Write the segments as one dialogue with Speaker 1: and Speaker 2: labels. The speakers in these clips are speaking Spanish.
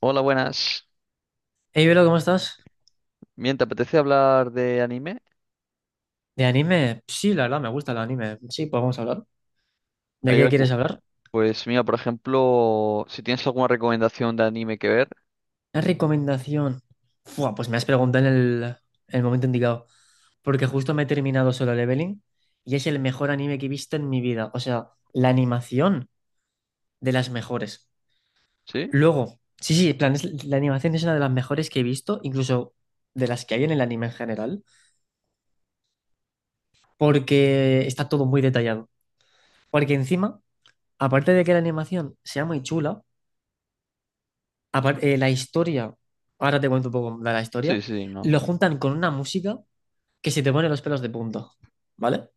Speaker 1: Hola, buenas.
Speaker 2: Hey, Velo, ¿cómo estás?
Speaker 1: Bien, ¿te apetece hablar de anime?
Speaker 2: ¿De anime? Sí, la verdad, me gusta el anime. Sí, pues vamos a hablar. ¿De
Speaker 1: ¿Hay
Speaker 2: qué quieres
Speaker 1: algún?
Speaker 2: hablar?
Speaker 1: Pues mira, por ejemplo, si tienes alguna recomendación de anime que ver.
Speaker 2: ¿Una recomendación? Fua, pues me has preguntado en el momento indicado. Porque justo me he terminado Solo Leveling y es el mejor anime que he visto en mi vida. O sea, la animación, de las mejores.
Speaker 1: ¿Sí?
Speaker 2: Luego, sí, sí, en plan, la animación es una de las mejores que he visto, incluso de las que hay en el anime en general, porque está todo muy detallado. Porque encima, aparte de que la animación sea muy chula, la historia, ahora te cuento un poco de la
Speaker 1: Sí,
Speaker 2: historia,
Speaker 1: sí,
Speaker 2: lo
Speaker 1: no.
Speaker 2: juntan con una música que se te pone los pelos de punta, ¿vale?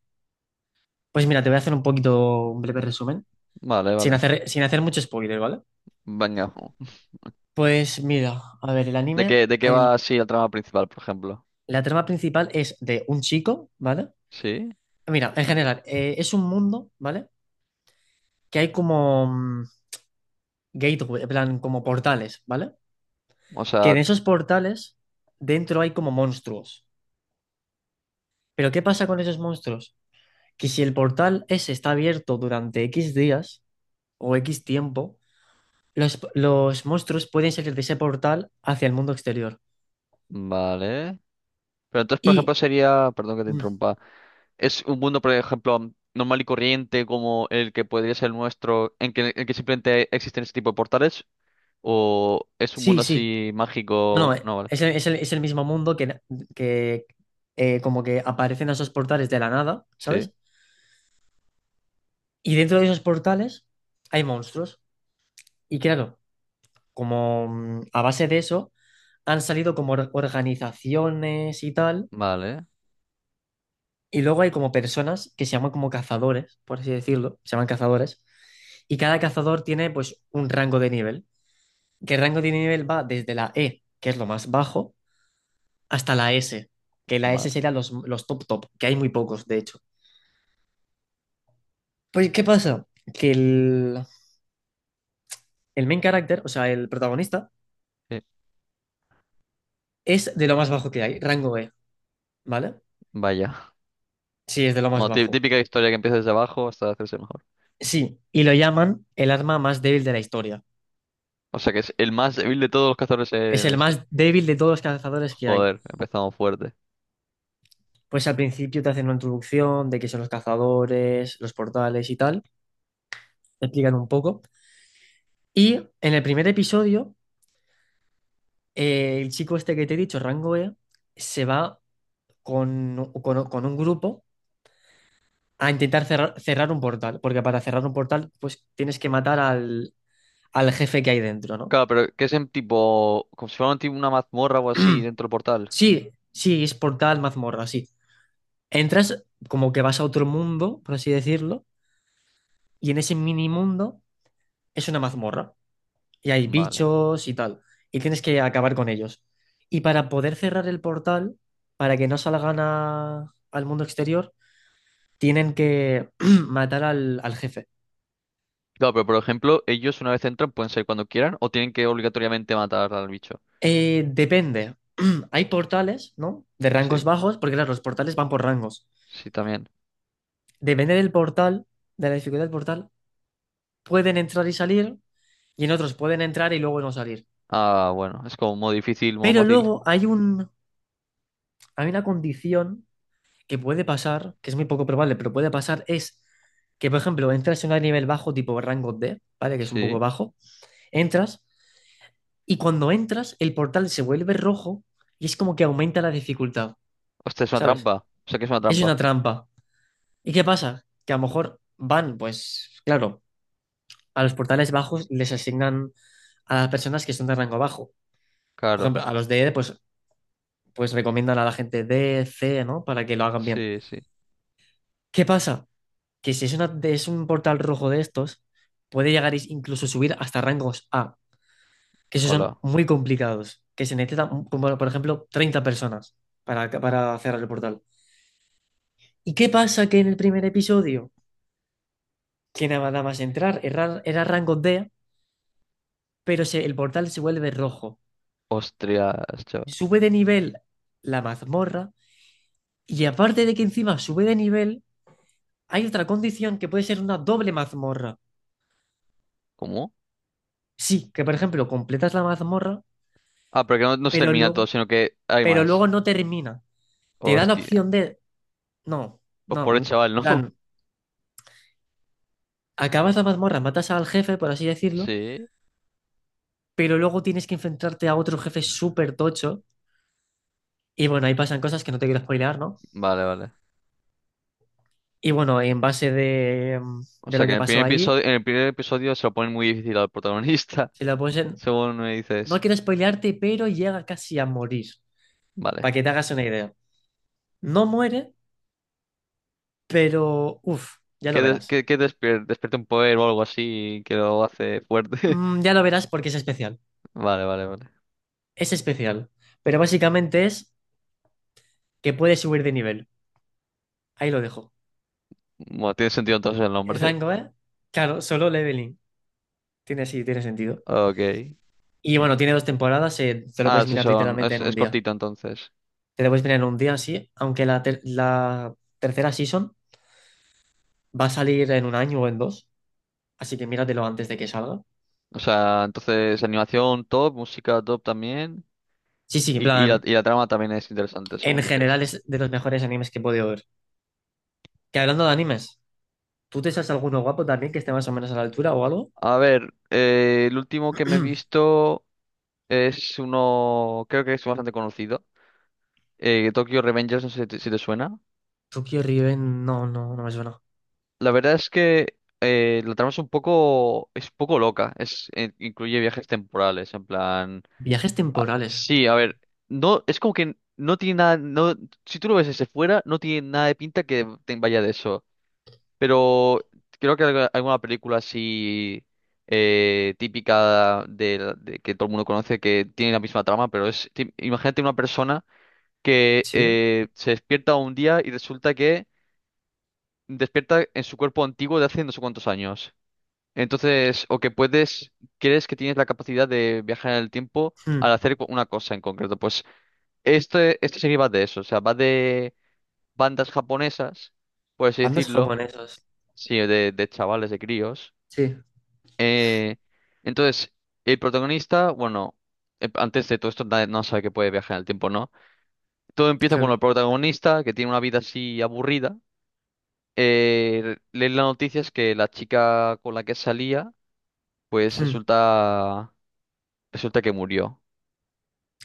Speaker 2: Pues mira, te voy a hacer un poquito, un breve resumen,
Speaker 1: Vale,
Speaker 2: sin
Speaker 1: vale.
Speaker 2: hacer, sin hacer mucho spoiler, ¿vale?
Speaker 1: Venga.
Speaker 2: Pues mira, a ver, el anime,
Speaker 1: De qué va así el trama principal, por ejemplo?
Speaker 2: la trama principal es de un chico, ¿vale?
Speaker 1: ¿Sí?
Speaker 2: Mira, en general, es un mundo, ¿vale? Que hay como gateway, en plan, como portales, ¿vale?
Speaker 1: O
Speaker 2: Que
Speaker 1: sea,
Speaker 2: en esos portales dentro hay como monstruos. Pero ¿qué pasa con esos monstruos? Que si el portal ese está abierto durante X días o X tiempo, los monstruos pueden salir de ese portal hacia el mundo exterior.
Speaker 1: vale. Pero entonces, por
Speaker 2: Y
Speaker 1: ejemplo, sería, perdón que te
Speaker 2: mm,
Speaker 1: interrumpa, ¿es un mundo, por ejemplo, normal y corriente como el que podría ser el nuestro, en que simplemente existen ese tipo de portales, o es un
Speaker 2: sí,
Speaker 1: mundo
Speaker 2: sí.
Speaker 1: así
Speaker 2: No, no,
Speaker 1: mágico? No, vale.
Speaker 2: es el mismo mundo que, que como que aparecen esos portales de la nada,
Speaker 1: Sí.
Speaker 2: ¿sabes? Y dentro de esos portales hay monstruos. Y claro, como a base de eso han salido como organizaciones y tal.
Speaker 1: Vale,
Speaker 2: Y luego hay como personas que se llaman como cazadores, por así decirlo, se llaman cazadores. Y cada cazador tiene pues un rango de nivel, que el rango de nivel va desde la E, que es lo más bajo, hasta la S, que la S
Speaker 1: vale.
Speaker 2: serían los top top, que hay muy pocos, de hecho. Pues, ¿qué pasa? Que el main character, o sea, el protagonista,
Speaker 1: Sí,
Speaker 2: es de lo más bajo que hay, rango E, ¿vale?
Speaker 1: vaya.
Speaker 2: Sí, es de lo más
Speaker 1: Bueno,
Speaker 2: bajo.
Speaker 1: típica historia que empieza desde abajo hasta hacerse mejor.
Speaker 2: Sí, y lo llaman el arma más débil de la historia.
Speaker 1: O sea que es el más débil de todos los cazadores
Speaker 2: Es
Speaker 1: en la
Speaker 2: el
Speaker 1: historia.
Speaker 2: más débil de todos los cazadores que hay.
Speaker 1: Joder, empezamos fuerte.
Speaker 2: Pues al principio te hacen una introducción de qué son los cazadores, los portales y tal, te explican un poco. Y en el primer episodio, el chico este que te he dicho, rango E, se va con un grupo a intentar cerrar, cerrar un portal, porque para cerrar un portal, pues tienes que matar al jefe que hay dentro, ¿no?
Speaker 1: Claro, pero que es en tipo. Como si fuera un tipo una mazmorra o así dentro del portal.
Speaker 2: Sí, sí, es portal, mazmorra, sí. Entras como que vas a otro mundo, por así decirlo, y en ese mini mundo es una mazmorra. Y hay
Speaker 1: Vale.
Speaker 2: bichos y tal, y tienes que acabar con ellos. Y para poder cerrar el portal, para que no salgan al mundo exterior, tienen que matar al jefe.
Speaker 1: Claro, pero por ejemplo, ellos una vez entran pueden salir cuando quieran o tienen que obligatoriamente matar al bicho.
Speaker 2: Depende. Hay portales, ¿no? De rangos
Speaker 1: Sí,
Speaker 2: bajos, porque claro, los portales van por rangos.
Speaker 1: sí, también.
Speaker 2: Depende del portal, de la dificultad del portal, pueden entrar y salir, y en otros pueden entrar y luego no salir.
Speaker 1: Ah, bueno, es como modo difícil, modo
Speaker 2: Pero
Speaker 1: fácil.
Speaker 2: luego hay un, hay una condición que puede pasar, que es muy poco probable, pero puede pasar, es que, por ejemplo, entras en un nivel bajo, tipo rango D, ¿vale? Que es un poco
Speaker 1: Sí.
Speaker 2: bajo, entras, y cuando entras, el portal se vuelve rojo y es como que aumenta la dificultad,
Speaker 1: Hostia, es una
Speaker 2: ¿sabes?
Speaker 1: trampa. O sea que es una
Speaker 2: Es
Speaker 1: trampa.
Speaker 2: una trampa. ¿Y qué pasa? Que a lo mejor van, pues, claro, a los portales bajos les asignan a las personas que son de rango bajo. Por
Speaker 1: Claro.
Speaker 2: ejemplo, a los de E, pues, recomiendan a la gente D, C, ¿no? Para que lo hagan bien.
Speaker 1: Sí, sí.
Speaker 2: ¿Qué pasa? Que si es un portal rojo de estos, puede llegar incluso subir hasta rangos A, que esos son
Speaker 1: Hola.
Speaker 2: muy complicados, que se necesitan, como bueno, por ejemplo, 30 personas para cerrar el portal. ¿Y qué pasa, que en el primer episodio, que nada más entrar, era rango D, pero el portal se vuelve rojo?
Speaker 1: Ostras, chaval.
Speaker 2: Sube de nivel la mazmorra, y aparte de que encima sube de nivel, hay otra condición, que puede ser una doble mazmorra.
Speaker 1: ¿Cómo?
Speaker 2: Sí, que por ejemplo completas la mazmorra,
Speaker 1: Ah, pero que no, no se
Speaker 2: pero
Speaker 1: termina todo,
Speaker 2: luego...
Speaker 1: sino que hay
Speaker 2: pero luego
Speaker 1: más.
Speaker 2: no termina. Te da la
Speaker 1: Hostia.
Speaker 2: opción de, no,
Speaker 1: Pues
Speaker 2: no,
Speaker 1: por el
Speaker 2: en
Speaker 1: chaval, ¿no?
Speaker 2: plan, acabas la mazmorra, matas al jefe, por así decirlo,
Speaker 1: Sí.
Speaker 2: pero luego tienes que enfrentarte a otro jefe súper tocho. Y bueno, ahí pasan cosas que no te quiero spoilear, ¿no?
Speaker 1: Vale, vale.
Speaker 2: Y bueno, en base de,
Speaker 1: O
Speaker 2: de
Speaker 1: sea
Speaker 2: lo
Speaker 1: que
Speaker 2: que
Speaker 1: en el primer
Speaker 2: pasó ahí,
Speaker 1: episodio, en el primer episodio se lo ponen muy difícil al protagonista,
Speaker 2: si lo pones en-
Speaker 1: según me
Speaker 2: no
Speaker 1: dices.
Speaker 2: quiero spoilearte, pero llega casi a morir,
Speaker 1: Vale.
Speaker 2: para que te hagas una idea. No muere, pero uff, ya
Speaker 1: Que,
Speaker 2: lo verás.
Speaker 1: despierte un poder o algo así que lo hace fuerte.
Speaker 2: Ya lo verás porque es especial.
Speaker 1: Vale, vale, vale.
Speaker 2: Es especial. Pero básicamente es que puedes subir de nivel. Ahí lo dejo.
Speaker 1: Bueno, tiene sentido entonces el
Speaker 2: El
Speaker 1: nombre.
Speaker 2: rango, ¿eh? Claro, Solo Leveling. Tiene, sí, tiene sentido.
Speaker 1: Ok.
Speaker 2: Y bueno, tiene dos temporadas, te lo
Speaker 1: Ah,
Speaker 2: puedes
Speaker 1: sí,
Speaker 2: mirar
Speaker 1: son,
Speaker 2: literalmente en
Speaker 1: es
Speaker 2: un día.
Speaker 1: cortito entonces.
Speaker 2: Te lo puedes mirar en un día, sí, aunque la tercera season va a salir en un año o en dos, así que míratelo antes de que salga.
Speaker 1: O sea, entonces animación top, música top también.
Speaker 2: Sí, sí, en plan,
Speaker 1: Y la trama también es interesante, según
Speaker 2: en general
Speaker 1: dices.
Speaker 2: es de los mejores animes que he podido ver. Que hablando de animes, ¿tú te sabes alguno guapo también que esté más o menos a la altura o algo?
Speaker 1: A ver, el último que me he visto es uno, creo que es bastante conocido, Tokyo Revengers, no sé si te, si te suena.
Speaker 2: Tokyo Riven, no, no, no me suena.
Speaker 1: La verdad es que la trama es un poco loca, es, incluye viajes temporales, en plan,
Speaker 2: Viajes temporales,
Speaker 1: sí, a ver, no, es como que no tiene nada, no, si tú lo ves desde fuera, no tiene nada de pinta que te vaya de eso. Pero creo que alguna película así típica de que todo el mundo conoce que tiene la misma trama, pero es imagínate una persona que
Speaker 2: sí.
Speaker 1: se despierta un día y resulta que despierta en su cuerpo antiguo de hace no sé cuántos años. Entonces, o que puedes, crees que tienes la capacidad de viajar en el tiempo
Speaker 2: Hmm.
Speaker 1: al hacer una cosa en concreto. Pues este serie va de eso, o sea, va de bandas japonesas, por así
Speaker 2: Bandas
Speaker 1: decirlo,
Speaker 2: japonesas,
Speaker 1: sí, de chavales, de críos.
Speaker 2: sí.
Speaker 1: Eh, entonces, el protagonista, bueno, antes de todo esto no sabe que puede viajar en el tiempo, ¿no? Todo empieza con el
Speaker 2: Claro.
Speaker 1: protagonista, que tiene una vida así aburrida. Lee las noticias que la chica con la que salía, pues
Speaker 2: Hmm.
Speaker 1: resulta, resulta que murió.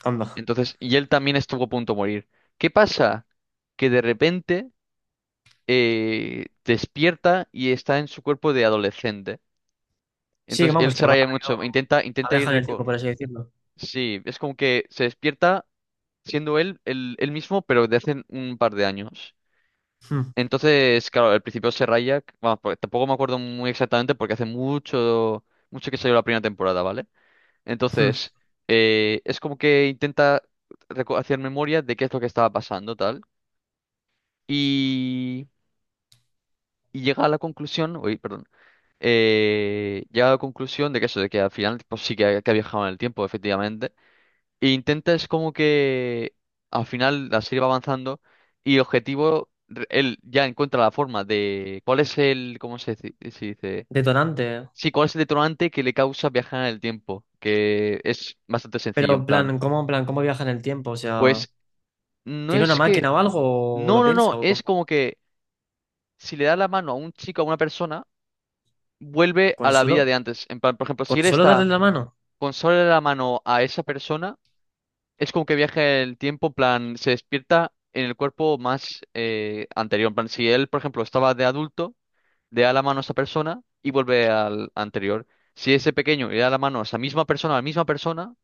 Speaker 2: Anda.
Speaker 1: Entonces, y él también estuvo a punto de morir. ¿Qué pasa? Que de repente despierta y está en su cuerpo de adolescente.
Speaker 2: Sí, que
Speaker 1: Entonces, él
Speaker 2: vamos, que
Speaker 1: se
Speaker 2: ha
Speaker 1: raya mucho,
Speaker 2: ido
Speaker 1: intenta ir
Speaker 2: abeja en el tiempo, por así decirlo.
Speaker 1: sí, es como que se despierta siendo él el mismo, pero de hace un par de años.
Speaker 2: Hmm.
Speaker 1: Entonces, claro, al principio se raya, vamos, porque tampoco me acuerdo muy exactamente porque hace mucho, mucho que salió la primera temporada, ¿vale?
Speaker 2: Hmm.
Speaker 1: Entonces, es como que intenta hacer memoria de qué es lo que estaba pasando, tal, y, y llega a la conclusión, uy, perdón, llega a la conclusión de que eso, de que al final, pues sí que ha viajado en el tiempo, efectivamente. E intentas como que al final la serie va avanzando y el objetivo, él ya encuentra la forma de cuál es el, ¿cómo se dice? ¿Se dice?
Speaker 2: Detonante.
Speaker 1: Sí, cuál es el detonante que le causa viajar en el tiempo, que es bastante
Speaker 2: Pero,
Speaker 1: sencillo en plan.
Speaker 2: en plan, cómo viaja en el tiempo? O sea,
Speaker 1: Pues no
Speaker 2: ¿tiene una
Speaker 1: es que,
Speaker 2: máquina o algo? ¿O
Speaker 1: no,
Speaker 2: lo
Speaker 1: no, no,
Speaker 2: piensa? ¿O
Speaker 1: es
Speaker 2: cómo?
Speaker 1: como que si le da la mano a un chico, a una persona, vuelve
Speaker 2: ¿Con
Speaker 1: a la vida de
Speaker 2: solo,
Speaker 1: antes. En plan, por ejemplo, si
Speaker 2: con
Speaker 1: él
Speaker 2: solo darle
Speaker 1: está
Speaker 2: la mano?
Speaker 1: con solo la mano a esa persona, es como que viaja el tiempo, en plan, se despierta en el cuerpo más anterior. En plan, si él, por ejemplo, estaba de adulto, le da la mano a esa persona y vuelve al anterior. Si ese pequeño le da la mano a esa misma persona, a la misma persona,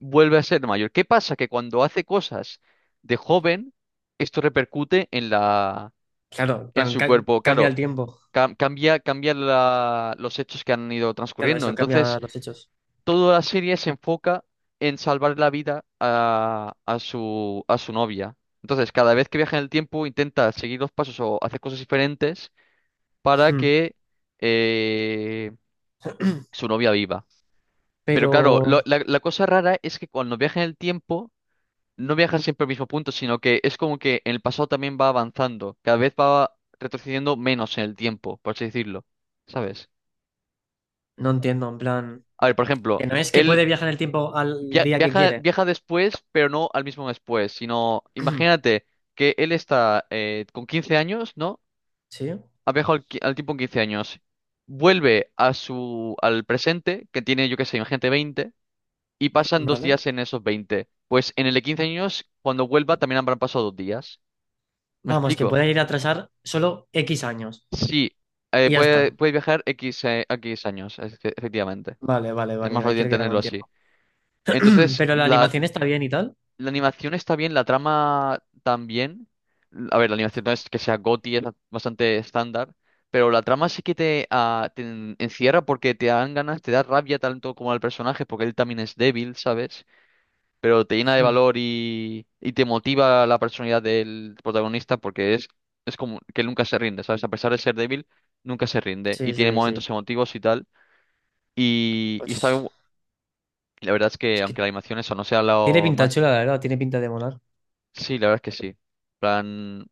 Speaker 1: vuelve a ser mayor. ¿Qué pasa? Que cuando hace cosas de joven, esto repercute en la,
Speaker 2: Claro, en
Speaker 1: en
Speaker 2: plan,
Speaker 1: su cuerpo.
Speaker 2: cambia el
Speaker 1: Claro,
Speaker 2: tiempo.
Speaker 1: cambia, cambia los hechos que han ido
Speaker 2: Claro,
Speaker 1: transcurriendo.
Speaker 2: eso,
Speaker 1: Entonces,
Speaker 2: cambia los hechos.
Speaker 1: toda la serie se enfoca en salvar la vida a su novia. Entonces, cada vez que viaja en el tiempo, intenta seguir los pasos o hacer cosas diferentes para
Speaker 2: Hmm.
Speaker 1: que eh, su novia viva. Pero
Speaker 2: Pero
Speaker 1: claro, la, la cosa rara es que cuando viaja en el tiempo, no viaja siempre al mismo punto, sino que es como que en el pasado también va avanzando. Cada vez va retrocediendo menos en el tiempo, por así decirlo. ¿Sabes?
Speaker 2: no entiendo, en plan,
Speaker 1: A ver, por ejemplo.
Speaker 2: que no es que
Speaker 1: Él
Speaker 2: puede viajar en el tiempo al día que
Speaker 1: viaja,
Speaker 2: quiere.
Speaker 1: viaja después, pero no al mismo después, sino imagínate que él está con 15 años, ¿no?
Speaker 2: ¿Sí?
Speaker 1: Ha viajado al, al tiempo en 15 años. Vuelve a su, al presente, que tiene, yo qué sé, imagínate 20 y pasan dos
Speaker 2: Vale.
Speaker 1: días en esos 20. Pues en el de 15 años, cuando vuelva, también habrán pasado 2 días. ¿Me
Speaker 2: Vamos, que
Speaker 1: explico?
Speaker 2: puede ir a atrasar solo X años.
Speaker 1: Sí,
Speaker 2: Y ya
Speaker 1: puede,
Speaker 2: está.
Speaker 1: puede viajar X, X años, efectivamente.
Speaker 2: Vale, vale,
Speaker 1: Es
Speaker 2: vale,
Speaker 1: más
Speaker 2: ya
Speaker 1: fácil
Speaker 2: creo que ya lo
Speaker 1: entenderlo así.
Speaker 2: entiendo.
Speaker 1: Entonces,
Speaker 2: Pero la
Speaker 1: la,
Speaker 2: animación está bien y tal.
Speaker 1: La animación está bien, la trama también. A ver, la animación no es que sea GOTY, es bastante estándar, pero la trama sí que te, ah, te encierra porque te dan ganas, te da rabia tanto como al personaje, porque él también es débil, ¿sabes? Pero te llena de
Speaker 2: Mm,
Speaker 1: valor y te motiva la personalidad del protagonista porque es como que él nunca se rinde, ¿sabes? A pesar de ser débil, nunca se rinde y
Speaker 2: sí,
Speaker 1: tiene
Speaker 2: sí,
Speaker 1: momentos
Speaker 2: sí.
Speaker 1: emotivos y tal. Y está,
Speaker 2: Pues
Speaker 1: la verdad es que
Speaker 2: es
Speaker 1: aunque
Speaker 2: que
Speaker 1: la animación eso no sea
Speaker 2: tiene
Speaker 1: lo
Speaker 2: pinta
Speaker 1: más.
Speaker 2: chula, la verdad, tiene pinta de molar.
Speaker 1: Sí, la verdad es que sí. Plan,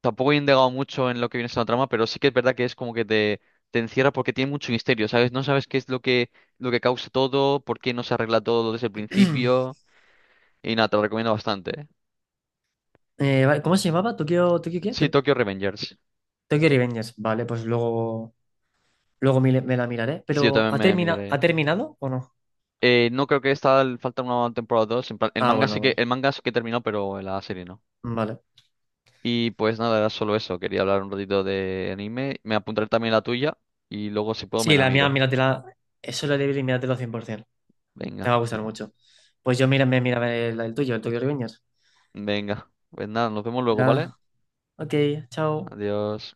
Speaker 1: tampoco he indagado mucho en lo que viene siendo la trama, pero sí que es verdad que es como que te encierra porque tiene mucho misterio, ¿sabes? No sabes qué es lo que causa todo, por qué no se arregla todo desde el principio. Y nada, te lo recomiendo bastante.
Speaker 2: Vale, ¿cómo se llamaba? ¿Tokyo qué?
Speaker 1: Sí, Tokyo Revengers.
Speaker 2: Tokyo Revengers. Vale, pues luego, la miraré.
Speaker 1: Sí, yo
Speaker 2: Pero
Speaker 1: también me
Speaker 2: ¿ha
Speaker 1: miraré.
Speaker 2: terminado o no?
Speaker 1: No creo que esta falta una temporada dos. En plan, el
Speaker 2: Ah,
Speaker 1: manga
Speaker 2: bueno,
Speaker 1: sí que,
Speaker 2: vale.
Speaker 1: el manga sí que terminó, pero la serie no.
Speaker 2: Vale.
Speaker 1: Y pues nada, era solo eso. Quería hablar un ratito de anime. Me apuntaré también la tuya y luego si puedo me
Speaker 2: Sí,
Speaker 1: la
Speaker 2: la mía,
Speaker 1: miro.
Speaker 2: míratela. Eso lo libre y míratelo 100%. Te va
Speaker 1: Venga.
Speaker 2: a gustar mucho. Pues yo mira, me mira el tuyo, el Tokyo Revengers.
Speaker 1: Venga, pues nada, nos vemos luego, ¿vale?
Speaker 2: Nada. Ok, chao.
Speaker 1: Adiós.